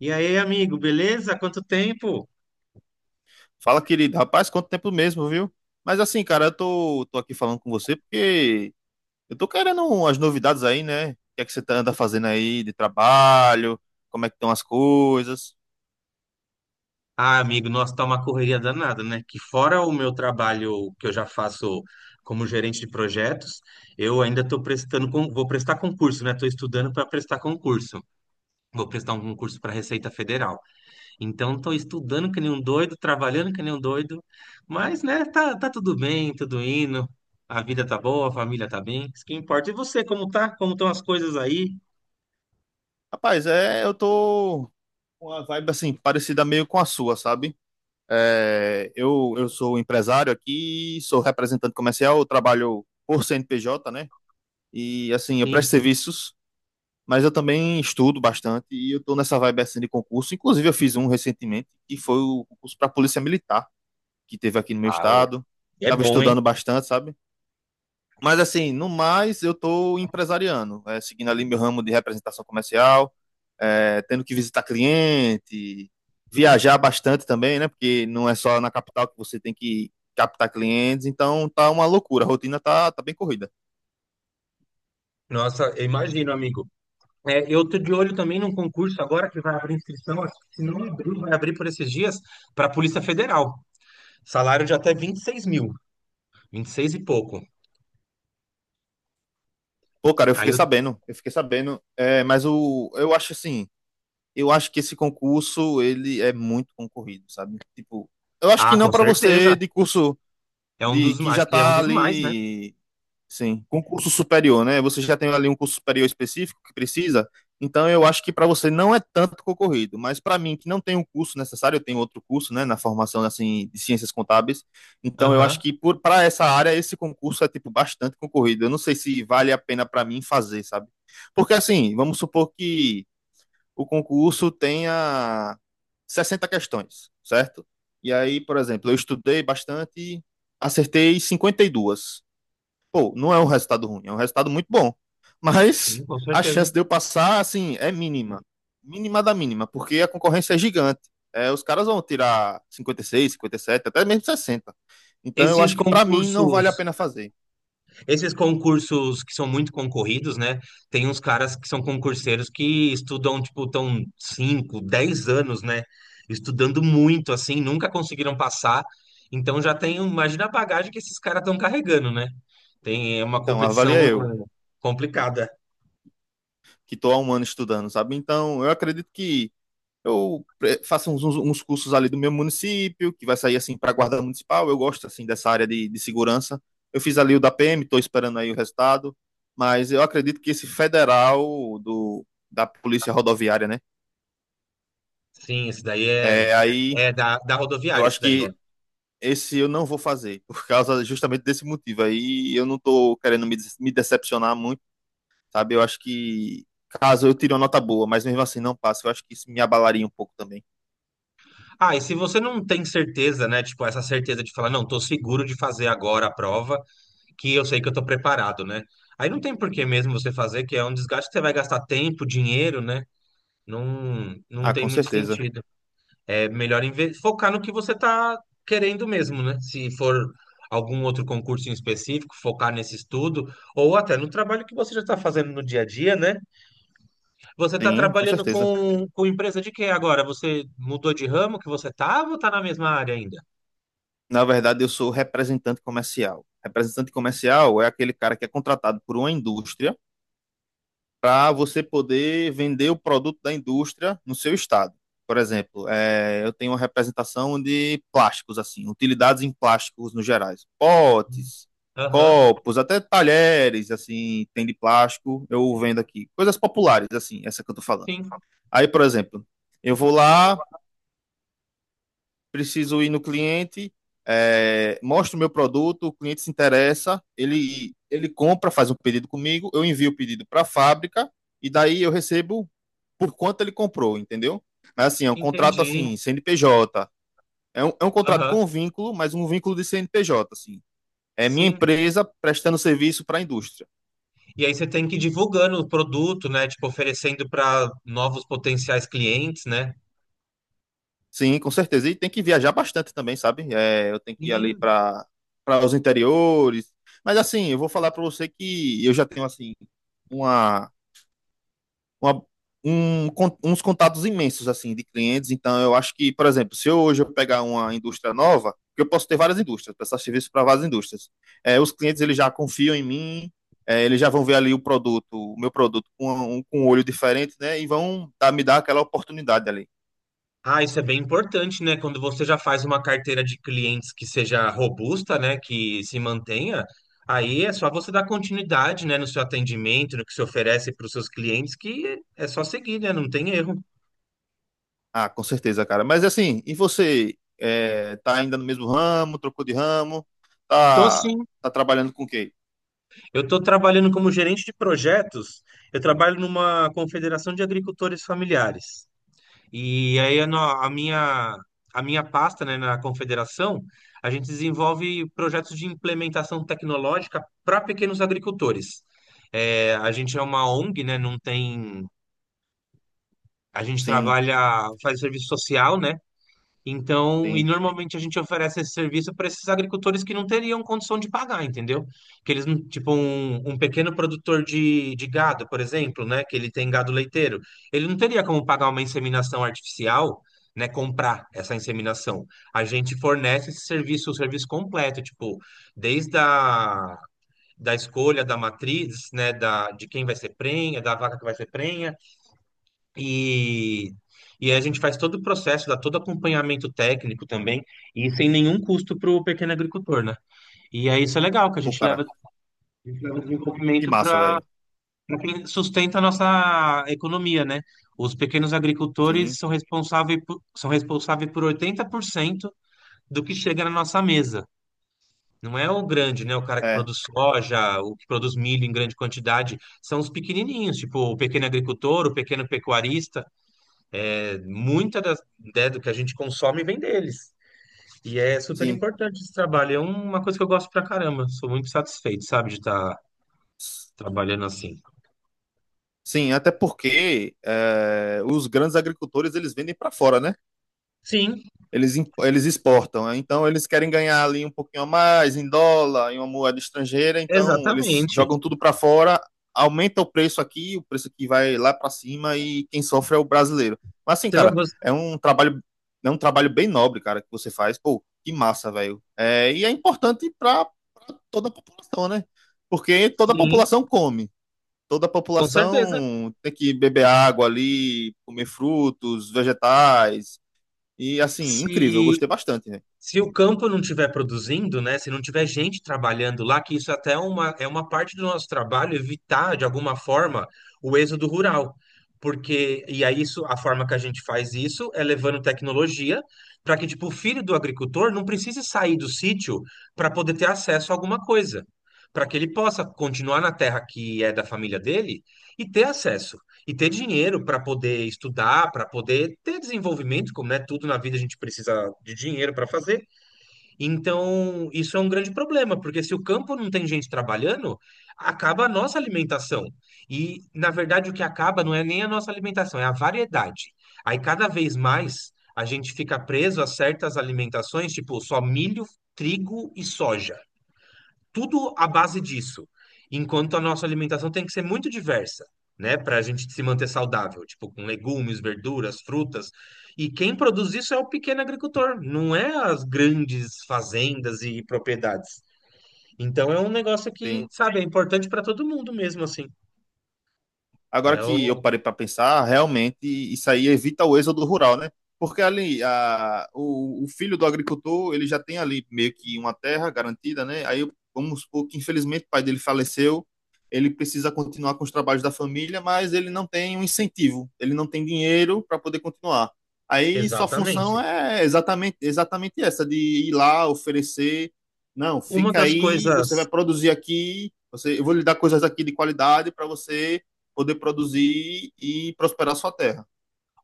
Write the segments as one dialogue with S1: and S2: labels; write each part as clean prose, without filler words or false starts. S1: E aí, amigo, beleza? Quanto tempo?
S2: Fala, querido. Rapaz, quanto tempo mesmo, viu? Mas assim, cara, eu tô aqui falando com você porque eu tô querendo umas novidades aí, né? O que é que você anda fazendo aí de trabalho? Como é que estão as coisas?
S1: Ah, amigo, nossa, tá uma correria danada, né? Que fora o meu trabalho que eu já faço como gerente de projetos, eu ainda tô prestando, vou prestar concurso, né? Tô estudando para prestar concurso. Vou prestar um concurso para Receita Federal. Então, tô estudando que nem um doido, trabalhando que nem um doido, mas, né, tá tudo bem, tudo indo. A vida tá boa, a família tá bem, isso que importa. E você, como tá? Como estão as coisas aí?
S2: Rapaz, é, eu tô com uma vibe assim, parecida meio com a sua, sabe? É, eu sou empresário aqui, sou representante comercial, eu trabalho por CNPJ, né? E assim, eu
S1: Sim,
S2: presto
S1: sim.
S2: serviços, mas eu também estudo bastante e eu tô nessa vibe assim de concurso. Inclusive, eu fiz um recentemente, que foi o concurso para Polícia Militar, que teve aqui no meu
S1: Ah, ô,
S2: estado.
S1: é
S2: Tava
S1: bom, hein?
S2: estudando bastante, sabe? Mas assim, no mais, eu tô empresariando, é, seguindo ali meu ramo de representação comercial, é, tendo que visitar cliente, viajar bastante também, né? Porque não é só na capital que você tem que captar clientes, então tá uma loucura, a rotina tá bem corrida.
S1: Nossa, eu imagino, amigo. É, eu tô de olho também num concurso agora que vai abrir inscrição, acho que se não abrir, vai abrir por esses dias, para a Polícia Federal. Salário de até 26 mil, 26 e pouco.
S2: Pô, cara,
S1: Aí eu,
S2: eu fiquei sabendo, é, mas o, eu acho assim, eu acho que esse concurso ele é muito concorrido, sabe? Tipo, eu acho que
S1: ah,
S2: não
S1: com
S2: para
S1: certeza.
S2: você de curso
S1: É um
S2: de
S1: dos
S2: que
S1: mais,
S2: já
S1: acho que é um
S2: tá
S1: dos mais, né?
S2: ali, sim, concurso superior, né? Você já tem ali um curso superior específico que precisa. Então eu acho que para você não é tanto concorrido, mas para mim que não tem um curso necessário, eu tenho outro curso, né, na formação assim de ciências contábeis. Então eu acho
S1: Aham,
S2: que por para essa área esse concurso é tipo bastante concorrido. Eu não sei se vale a pena para mim fazer, sabe? Porque assim, vamos supor que o concurso tenha 60 questões, certo? E aí, por exemplo, eu estudei bastante, acertei 52. Pô, não é um resultado ruim, é um resultado muito bom. Mas
S1: sim, com
S2: a
S1: certeza.
S2: chance de eu passar, assim, é mínima. Mínima da mínima, porque a concorrência é gigante. É, os caras vão tirar cinquenta, cinquenta e seis, cinquenta e sete, até mesmo 60. Então eu
S1: Esses
S2: acho que para mim não vale a
S1: concursos
S2: pena fazer.
S1: Esses concursos que são muito concorridos, né? Tem uns caras que são concurseiros que estudam, tipo, tão 5, 10 anos, né? Estudando muito, assim, nunca conseguiram passar. Então já tem, um, imagina a bagagem que esses caras estão carregando, né? Tem é uma
S2: Então,
S1: competição
S2: avalia eu,
S1: complicada.
S2: que tô há um ano estudando, sabe? Então, eu acredito que faço uns cursos ali do meu município, que vai sair assim para a guarda municipal. Eu gosto assim dessa área de segurança. Eu fiz ali o da PM, estou esperando aí o resultado. Mas eu acredito que esse federal da Polícia Rodoviária, né?
S1: Sim, esse daí é,
S2: É, aí
S1: é da
S2: eu
S1: rodoviária, esse
S2: acho
S1: daí. É.
S2: que esse eu não vou fazer, por causa justamente desse motivo. Aí eu não estou querendo me decepcionar muito, sabe? Eu acho que caso eu tire uma nota boa, mas mesmo assim não passe, eu acho que isso me abalaria um pouco também.
S1: Ah, e se você não tem certeza, né? Tipo, essa certeza de falar, não, tô seguro de fazer agora a prova, que eu sei que eu tô preparado, né? Aí não tem por que mesmo você fazer, que é um desgaste que você vai gastar tempo, dinheiro, né? Não, não
S2: Ah,
S1: tem
S2: com
S1: muito
S2: certeza.
S1: sentido. É melhor focar no que você tá querendo mesmo, né? Se for algum outro concurso em específico, focar nesse estudo, ou até no trabalho que você já está fazendo no dia a dia, né? Você está
S2: Sim, com
S1: trabalhando
S2: certeza.
S1: com empresa de quê agora? Você mudou de ramo que você estava ou está na mesma área ainda?
S2: Na verdade, eu sou representante comercial. Representante comercial é aquele cara que é contratado por uma indústria para você poder vender o produto da indústria no seu estado. Por exemplo, eu tenho uma representação de plásticos, assim, utilidades em plásticos no gerais. Potes,
S1: Aham,
S2: copos, até talheres, assim, tem de plástico, eu vendo aqui. Coisas populares, assim, essa que eu tô falando.
S1: sim,
S2: Aí, por exemplo, eu vou lá, preciso ir no cliente, é, mostro o meu produto, o cliente se interessa, ele compra, faz um pedido comigo, eu envio o pedido para a fábrica e daí eu recebo por quanto ele comprou, entendeu? Mas assim, é um contrato
S1: entendi.
S2: assim, CNPJ. É um contrato
S1: Aham,
S2: com um vínculo, mas um vínculo de CNPJ, assim. É minha
S1: sim.
S2: empresa prestando serviço para a indústria.
S1: E aí você tem que ir divulgando o produto, né? Tipo, oferecendo para novos potenciais clientes, né?
S2: Sim, com certeza. E tem que viajar bastante também, sabe? É, eu tenho que ir ali
S1: Sim.
S2: para os interiores. Mas assim, eu vou falar para você que eu já tenho assim uma, uma uns contatos imensos assim de clientes. Então, eu acho que, por exemplo, se eu, hoje eu pegar uma indústria nova, porque eu posso ter várias indústrias, prestar serviço para várias indústrias. É, os clientes eles já confiam em mim. É, eles já vão ver ali o produto, o meu produto com um olho diferente, né? E vão me dar aquela oportunidade ali.
S1: Ah, isso é bem importante, né? Quando você já faz uma carteira de clientes que seja robusta, né? Que se mantenha, aí é só você dar continuidade, né? No seu atendimento, no que se oferece para os seus clientes, que é só seguir, né? Não tem erro.
S2: Ah, com certeza, cara. Mas assim, e você? É, tá ainda no mesmo ramo, trocou de ramo?
S1: Tô
S2: Tá,
S1: sim.
S2: tá trabalhando com o quê?
S1: Eu tô trabalhando como gerente de projetos. Eu trabalho numa confederação de agricultores familiares. E aí a, a minha pasta, né, na Confederação, a gente desenvolve projetos de implementação tecnológica para pequenos agricultores. É, a gente é uma ONG, né, não tem, a gente
S2: Sim,
S1: trabalha, faz serviço social, né? Então, e
S2: sim.
S1: normalmente a gente oferece esse serviço para esses agricultores que não teriam condição de pagar, entendeu? Que eles, tipo, um pequeno produtor de gado, por exemplo, né? Que ele tem gado leiteiro, ele não teria como pagar uma inseminação artificial, né? Comprar essa inseminação. A gente fornece esse serviço, o serviço completo, tipo, desde a da escolha da matriz, né? Da, de quem vai ser prenha, da vaca que vai ser prenha e, e aí a gente faz todo o processo, dá todo acompanhamento técnico também, e sem nenhum custo para o pequeno agricultor, né? E aí isso é legal, que
S2: Pô, cara,
S1: a gente leva o
S2: que
S1: desenvolvimento
S2: massa,
S1: para
S2: velho.
S1: quem sustenta a nossa economia, né? Os pequenos agricultores
S2: Sim,
S1: são responsáveis por 80% do que chega na nossa mesa. Não é o grande, né? O cara que
S2: é,
S1: produz soja, o que produz milho em grande quantidade, são os pequenininhos, tipo o pequeno agricultor, o pequeno pecuarista. Muita das, né, do que a gente consome vem deles. E é super
S2: sim.
S1: importante esse trabalho. É uma coisa que eu gosto pra caramba. Sou muito satisfeito, sabe, de estar trabalhando assim.
S2: Sim, até porque é, os grandes agricultores eles vendem para fora, né?
S1: Sim,
S2: Eles exportam, né? Então eles querem ganhar ali um pouquinho a mais em dólar, em uma moeda estrangeira, então eles
S1: exatamente.
S2: jogam tudo para fora, aumenta o preço aqui vai lá para cima e quem sofre é o brasileiro. Mas assim,
S1: Você vai
S2: cara,
S1: gostar.
S2: é um trabalho, é um trabalho bem nobre, cara, que você faz. Pô, que massa, velho. É, e é importante para toda a população, né? Porque toda a
S1: Sim,
S2: população come. Toda a
S1: com certeza.
S2: população tem que beber água ali, comer frutos, vegetais, e assim, incrível, eu
S1: Se
S2: gostei bastante, né?
S1: Se o campo não estiver produzindo, né? Se não tiver gente trabalhando lá, que isso até é uma parte do nosso trabalho, evitar de alguma forma o êxodo rural. Porque, e aí isso, a forma que a gente faz isso é levando tecnologia para que, tipo, o filho do agricultor não precise sair do sítio para poder ter acesso a alguma coisa. Para que ele possa continuar na terra que é da família dele e ter acesso e ter dinheiro para poder estudar, para poder ter desenvolvimento, como é tudo na vida a gente precisa de dinheiro para fazer. Então, isso é um grande problema, porque se o campo não tem gente trabalhando, acaba a nossa alimentação. E, na verdade, o que acaba não é nem a nossa alimentação, é a variedade. Aí, cada vez mais, a gente fica preso a certas alimentações, tipo só milho, trigo e soja tudo à base disso. Enquanto a nossa alimentação tem que ser muito diversa, né? Para a gente se manter saudável, tipo com legumes, verduras, frutas. E quem produz isso é o pequeno agricultor, não é as grandes fazendas e propriedades. Então é um negócio que,
S2: Tem
S1: sabe, é importante para todo mundo mesmo, assim.
S2: Agora
S1: É
S2: que eu
S1: o...
S2: parei para pensar, realmente isso aí evita o êxodo rural, né? Porque ali o filho do agricultor, ele já tem ali meio que uma terra garantida, né? Aí vamos supor que infelizmente o pai dele faleceu, ele precisa continuar com os trabalhos da família, mas ele não tem um incentivo, ele não tem dinheiro para poder continuar. Aí sua
S1: Exatamente.
S2: função é exatamente essa, de ir lá, oferecer, não,
S1: Uma
S2: fica
S1: das
S2: aí, você vai
S1: coisas
S2: produzir aqui, você, eu vou lhe dar coisas aqui de qualidade para você poder produzir e prosperar sua terra.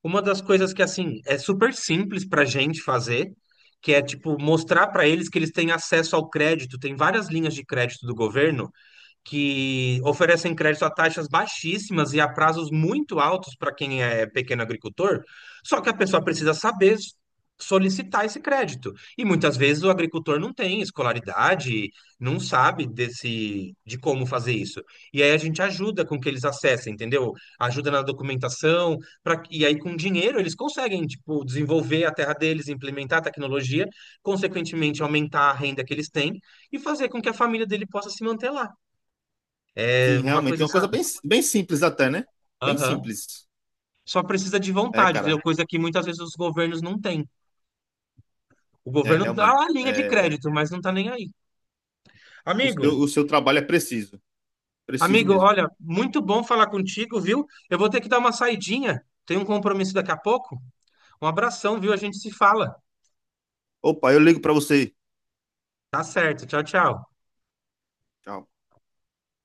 S1: Uma das coisas que, assim, é super simples pra gente fazer, que é, tipo, mostrar pra eles que eles têm acesso ao crédito. Tem várias linhas de crédito do governo que oferecem crédito a taxas baixíssimas e a prazos muito altos para quem é pequeno agricultor, só que a pessoa precisa saber solicitar esse crédito. E muitas vezes o agricultor não tem escolaridade, não sabe desse de como fazer isso. E aí a gente ajuda com que eles acessem, entendeu? Ajuda na documentação, pra, e aí com dinheiro eles conseguem, tipo, desenvolver a terra deles, implementar a tecnologia, consequentemente aumentar a renda que eles têm e fazer com que a família dele possa se manter lá
S2: Sim,
S1: uma
S2: realmente. É
S1: coisa,
S2: uma coisa
S1: sabe?
S2: bem simples até, né? Bem
S1: Aham.
S2: simples.
S1: Só precisa de
S2: É,
S1: vontade, entendeu?
S2: cara.
S1: Coisa que muitas vezes os governos não têm. O
S2: É,
S1: governo dá
S2: realmente.
S1: a linha de
S2: É,
S1: crédito, mas não tá nem aí. Amigo,
S2: o seu trabalho é preciso. Preciso mesmo.
S1: olha, muito bom falar contigo, viu? Eu vou ter que dar uma saidinha. Tenho um compromisso daqui a pouco. Um abração, viu? A gente se fala.
S2: Opa, eu ligo para você.
S1: Tá certo. Tchau, tchau.
S2: Tchau.